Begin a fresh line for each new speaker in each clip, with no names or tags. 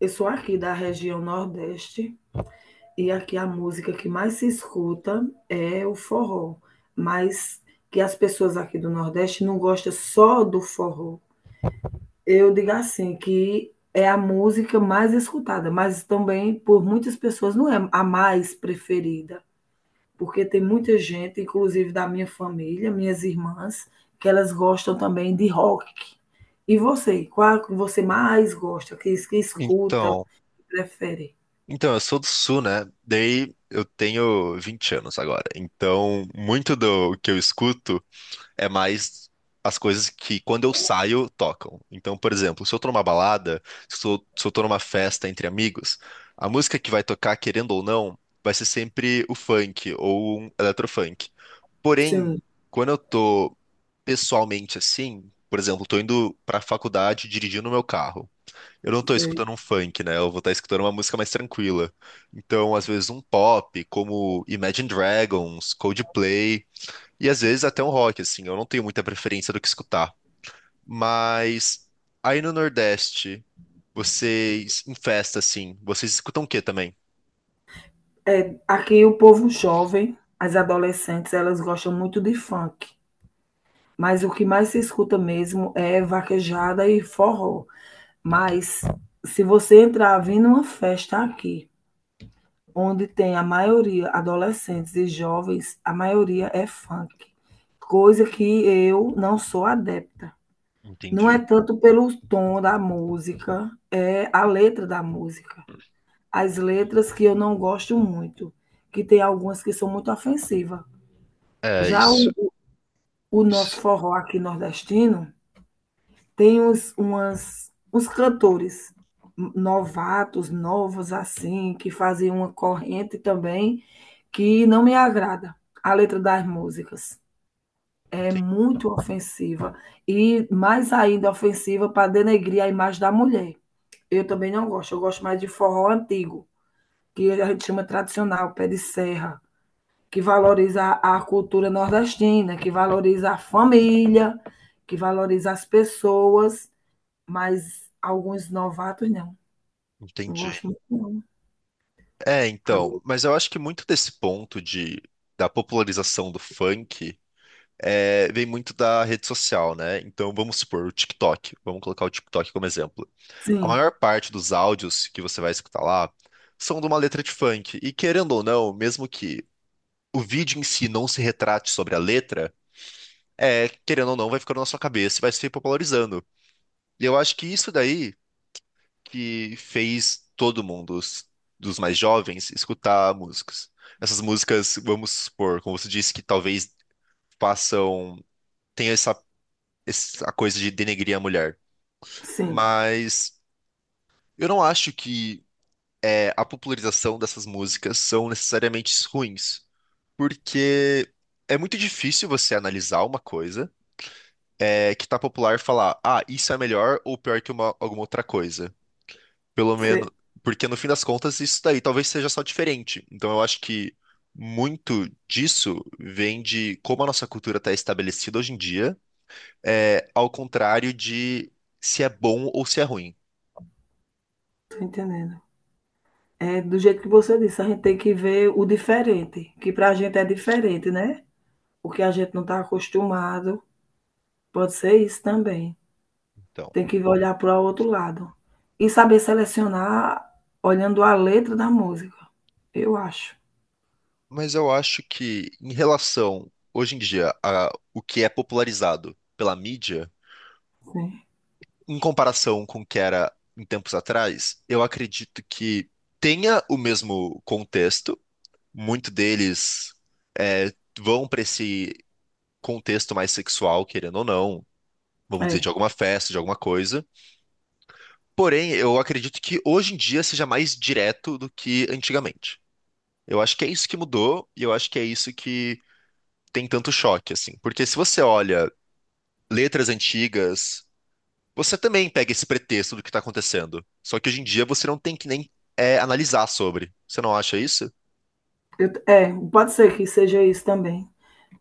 Eu sou aqui da região Nordeste e aqui a música que mais se escuta é o forró, mas que as pessoas aqui do Nordeste não gostam só do forró. Eu digo assim, que é a música mais escutada, mas também por muitas pessoas não é a mais preferida, porque tem muita gente, inclusive da minha família, minhas irmãs, que elas gostam também de rock. E você, qual que você mais gosta, que escuta,
Então,
que prefere?
eu sou do Sul, né? Daí eu tenho 20 anos agora. Então, muito do que eu escuto é mais as coisas que quando eu saio tocam. Então, por exemplo, se eu tô numa balada, se eu tô numa festa entre amigos, a música que vai tocar, querendo ou não, vai ser sempre o funk ou um eletrofunk. Porém,
Sim.
quando eu tô pessoalmente assim, por exemplo, tô indo pra faculdade dirigindo meu carro. Eu não tô
Sei.
escutando um funk, né? Eu vou estar escutando uma música mais tranquila. Então, às vezes um pop, como Imagine Dragons, Coldplay, e às vezes até um rock, assim. Eu não tenho muita preferência do que escutar. Mas aí no Nordeste, vocês em festa, assim, vocês escutam o quê também?
Aqui o povo jovem, as adolescentes, elas gostam muito de funk, mas o que mais se escuta mesmo é vaquejada e forró. Mas se você entrar vir numa festa aqui, onde tem a maioria adolescentes e jovens, a maioria é funk, coisa que eu não sou adepta. Não é
Entendi.
tanto pelo tom da música, é a letra da música. As letras que eu não gosto muito, que tem algumas que são muito ofensivas.
É,
Já
isso,
o nosso
isso,
forró aqui nordestino tem uns, umas, uns cantores novatos, novos assim, que fazem uma corrente também que não me agrada. A letra das músicas é
enten-
muito ofensiva e mais ainda ofensiva para denegrir a imagem da mulher. Eu também não gosto, eu gosto mais de forró antigo, que a gente chama tradicional, pé de serra, que valoriza a cultura nordestina, que valoriza a família, que valoriza as pessoas, mas alguns novatos não. Não
entendi.
gosto muito, não.
É, então, mas eu acho que muito desse ponto de da popularização do funk vem muito da rede social, né? Então vamos supor o TikTok. Vamos colocar o TikTok como exemplo. A
Sim,
maior parte dos áudios que você vai escutar lá são de uma letra de funk. E querendo ou não, mesmo que o vídeo em si não se retrate sobre a letra, querendo ou não, vai ficando na sua cabeça e vai se popularizando. E eu acho que isso daí que fez todo mundo, dos mais jovens, escutar músicas. Essas músicas, vamos supor, como você disse, que talvez façam, tenha essa coisa de denegrir a mulher.
sim.
Mas eu não acho que a popularização dessas músicas são necessariamente ruins, porque é muito difícil você analisar uma coisa que tá popular e falar, ah, isso é melhor ou pior que uma- alguma outra coisa. Pelo menos,
Você
porque no fim das contas isso daí talvez seja só diferente. Então eu acho que muito disso vem de como a nossa cultura está estabelecida hoje em dia, ao contrário de se é bom ou se é ruim.
tá entendendo. É do jeito que você disse, a gente tem que ver o diferente, que para a gente é diferente, né? O que a gente não está acostumado. Pode ser isso também.
Então,
Tem que olhar para o outro lado. E saber selecionar olhando a letra da música. Eu acho.
mas eu acho que, em relação, hoje em dia, a o que é popularizado pela mídia,
Sim.
em comparação com o que era em tempos atrás, eu acredito que tenha o mesmo contexto. Muito deles vão para esse contexto mais sexual, querendo ou não, vamos dizer,
É.
de alguma festa, de alguma coisa. Porém, eu acredito que hoje em dia seja mais direto do que antigamente. Eu acho que é isso que mudou e eu acho que é isso que tem tanto choque, assim. Porque se você olha letras antigas, você também pega esse pretexto do que está acontecendo. Só que hoje em dia você não tem que nem analisar sobre. Você não acha isso?
Pode ser que seja isso também.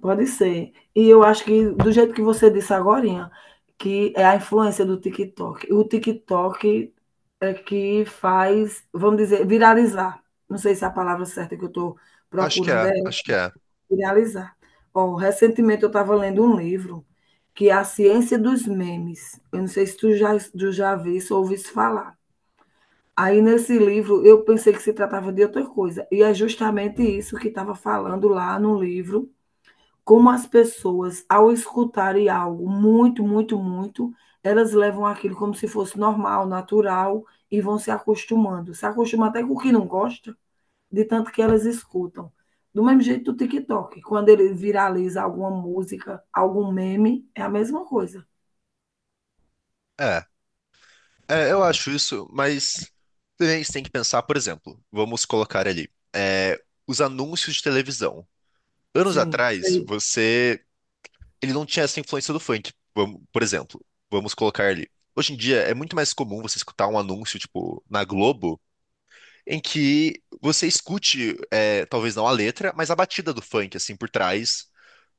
Pode ser. E eu acho que, do jeito que você disse agora, que é a influência do TikTok. O TikTok é que faz, vamos dizer, viralizar. Não sei se é a palavra certa que eu estou
Acho que
procurando é
é, acho
essa,
que é.
viralizar. Ó, recentemente eu estava lendo um livro que é A Ciência dos Memes. Eu não sei se tu já viste ou ouviste falar. Aí nesse livro eu pensei que se tratava de outra coisa, e é justamente isso que estava falando lá no livro, como as pessoas, ao escutarem algo muito, elas levam aquilo como se fosse normal, natural, e vão se acostumando. Se acostumam até com o que não gosta, de tanto que elas escutam. Do mesmo jeito do TikTok, quando ele viraliza alguma música, algum meme, é a mesma coisa.
É, eu acho isso, mas também você tem que pensar, por exemplo, vamos colocar ali, os anúncios de televisão. Anos
Sim,
atrás,
sei.
você, ele não tinha essa influência do funk, vamos- por exemplo, vamos colocar ali. Hoje em dia é muito mais comum você escutar um anúncio, tipo, na Globo em que você escute, talvez não a letra, mas a batida do funk, assim, por trás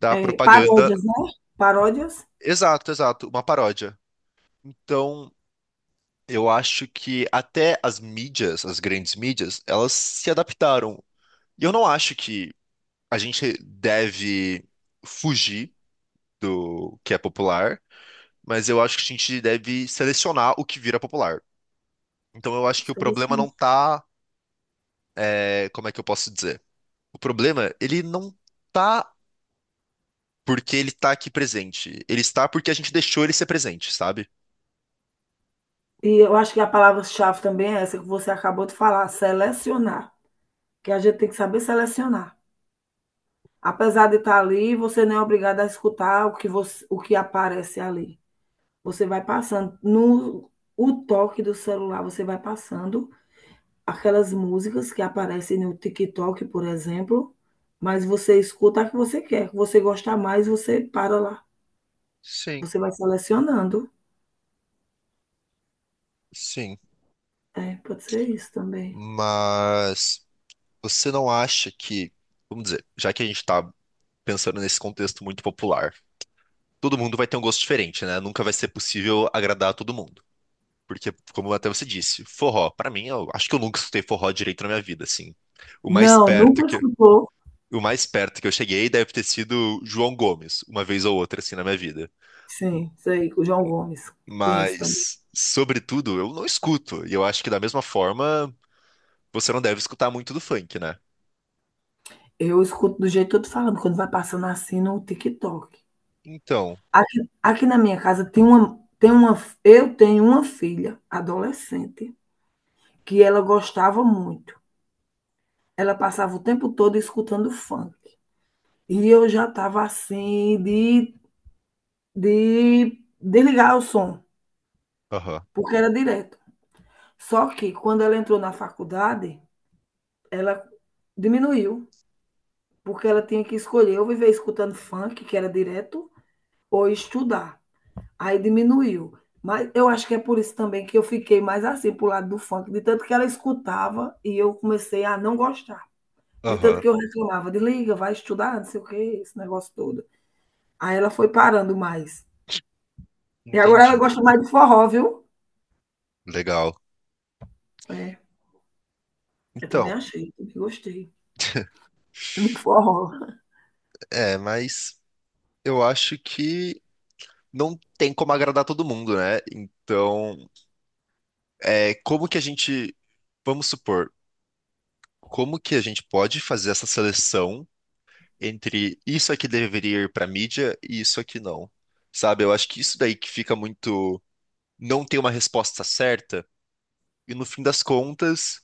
da
É,
propaganda.
paródias, né? Paródias?
Exato, exato, uma paródia. Então, eu acho que até as mídias, as grandes mídias, elas se adaptaram. E eu não acho que a gente deve fugir do que é popular, mas eu acho que a gente deve selecionar o que vira popular. Então, eu acho que o
Sei
problema não
se-
tá, como é que eu posso dizer? O problema, ele não tá porque ele tá aqui presente. Ele está porque a gente deixou ele ser presente, sabe?
E eu acho que a palavra-chave também é essa que você acabou de falar, selecionar. Que a gente tem que saber selecionar. Apesar de estar ali, você não é obrigado a escutar o que você, o que aparece ali. Você vai passando no o toque do celular, você vai passando aquelas músicas que aparecem no TikTok, por exemplo, mas você escuta a que você quer, que você gosta mais, você para lá.
Sim,
Você vai selecionando.
sim.
É, pode ser isso também.
Mas você não acha que, vamos dizer, já que a gente tá pensando nesse contexto muito popular, todo mundo vai ter um gosto diferente, né? Nunca vai ser possível agradar a todo mundo. Porque, como até você disse, forró, pra mim, eu acho que eu nunca escutei forró direito na minha vida, assim. O mais
Não,
perto
nunca
que,
escutou.
o mais perto que eu cheguei deve ter sido João Gomes, uma vez ou outra, assim, na minha vida.
Sim, sei, o João Gomes, conheço também.
Mas, sobretudo, eu não escuto. E eu acho que da mesma forma, você não deve escutar muito do funk, né?
Eu escuto do jeito que eu tô falando, quando vai passando assim no TikTok.
Então,
Aqui na minha casa eu tenho uma filha adolescente que ela gostava muito. Ela passava o tempo todo escutando funk. E eu já estava assim de desligar o som,
aham,
porque era direto. Só que quando ela entrou na faculdade, ela diminuiu, porque ela tinha que escolher ou viver escutando funk, que era direto, ou estudar. Aí diminuiu. Mas eu acho que é por isso também que eu fiquei mais assim, pro lado do funk, de tanto que ela escutava e eu comecei a não gostar. De tanto
aham,
que eu reclamava, desliga, vai estudar, não sei o que, esse negócio todo. Aí ela foi parando mais. E agora ela
entendi.
gosta mais de forró, viu?
Legal.
É, eu também
Então,
achei, também gostei do forró.
é, mas eu acho que não tem como agradar todo mundo, né? Então, como que a gente, vamos supor, como que a gente pode fazer essa seleção entre isso aqui deveria ir pra mídia e isso aqui não? Sabe? Eu acho que isso daí que fica muito, não tem uma resposta certa. E no fim das contas,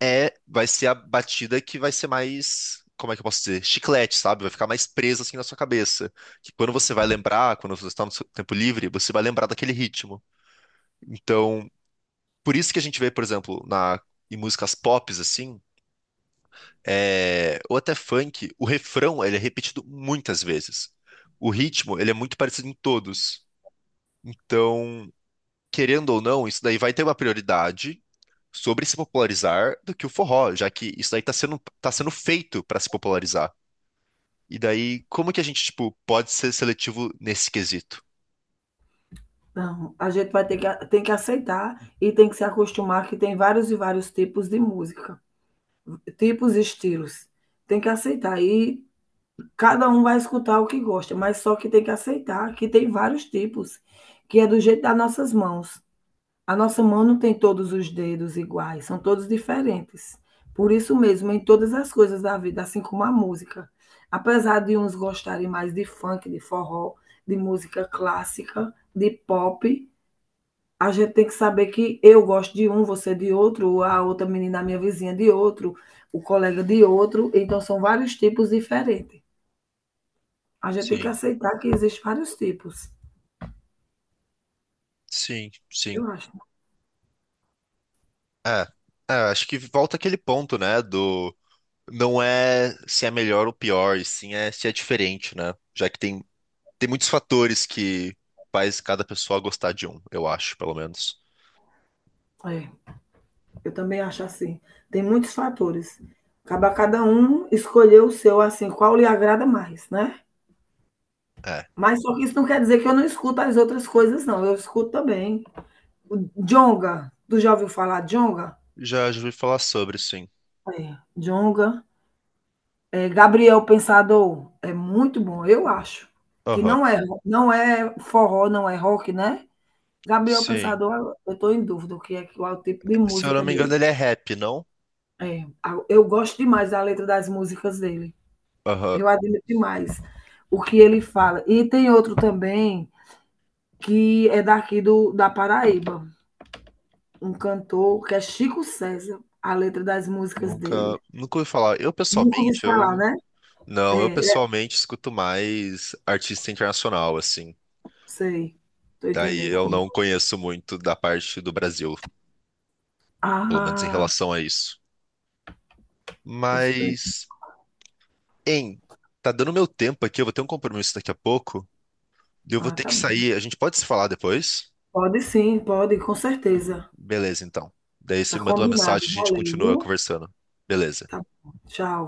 vai ser a batida que vai ser mais, como é que eu posso dizer? Chiclete, sabe? Vai ficar mais presa assim na sua cabeça. Que quando você vai lembrar, quando você está no seu tempo livre, você vai lembrar daquele ritmo. Então, por isso que a gente vê, por exemplo, em músicas pops assim, ou até funk, o refrão, ele é repetido muitas vezes. O ritmo, ele é muito parecido em todos. Então, querendo ou não, isso daí vai ter uma prioridade sobre se popularizar do que o forró, já que isso daí tá sendo feito para se popularizar. E daí, como que a gente, tipo, pode ser seletivo nesse quesito?
Não, a gente vai ter que, tem que aceitar e tem que se acostumar que tem vários e vários tipos de música, tipos e estilos. Tem que aceitar e cada um vai escutar o que gosta, mas só que tem que aceitar que tem vários tipos, que é do jeito das nossas mãos. A nossa mão não tem todos os dedos iguais, são todos diferentes. Por isso mesmo, em todas as coisas da vida, assim como a música. Apesar de uns gostarem mais de funk, de forró, de música clássica, de pop, a gente tem que saber que eu gosto de um, você de outro, a outra menina, a minha vizinha de outro, o colega de outro. Então, são vários tipos diferentes. A gente tem que
Sim,
aceitar que existem vários tipos.
sim, sim.
Eu acho.
É, é, acho que volta aquele ponto, né, do não é se é melhor ou pior, e sim é se é diferente, né? Já que tem, tem muitos fatores que faz cada pessoa gostar de um, eu acho, pelo menos.
É, eu também acho assim. Tem muitos fatores. Acaba cada um escolher o seu, assim, qual lhe agrada mais, né?
É,
Mas só que isso não quer dizer que eu não escuto as outras coisas, não. Eu escuto também. O Djonga, tu já ouviu falar Djonga?
já, já ouvi falar sobre, sim.
É, Djonga. É, Gabriel Pensador, é muito bom, eu acho. Que
Aham.
não é, não é forró, não é rock, né? Gabriel
Sim.
Pensador, eu estou em dúvida o que é qual é o tipo de
Se eu não
música
me engano,
dele.
ele é rap, não?
Eu gosto demais da letra das músicas dele.
Aham.
Eu admiro demais o que ele fala. E tem outro também que é daqui do, da Paraíba, um cantor que é Chico César, a letra das músicas
Nunca,
dele.
nunca ouvi falar. Eu
Nunca ouvi
pessoalmente,
falar,
eu.
né? É,
Não, eu
é,
pessoalmente escuto mais artista internacional, assim.
sei. Estou
Daí
entendendo
eu
como.
não conheço muito da parte do Brasil, pelo menos em
Ah,
relação a isso.
eu estou ent-
Mas, hein, tá dando meu tempo aqui, eu vou ter um compromisso daqui a pouco. Eu vou
ah,
ter
tá
que
bom.
sair. A gente pode se falar depois?
Pode sim, pode, com certeza.
Beleza, então. Daí
Tá
você manda uma
combinado.
mensagem e a gente
Valeu,
continua
viu?
conversando. Beleza.
Tá bom. Tchau.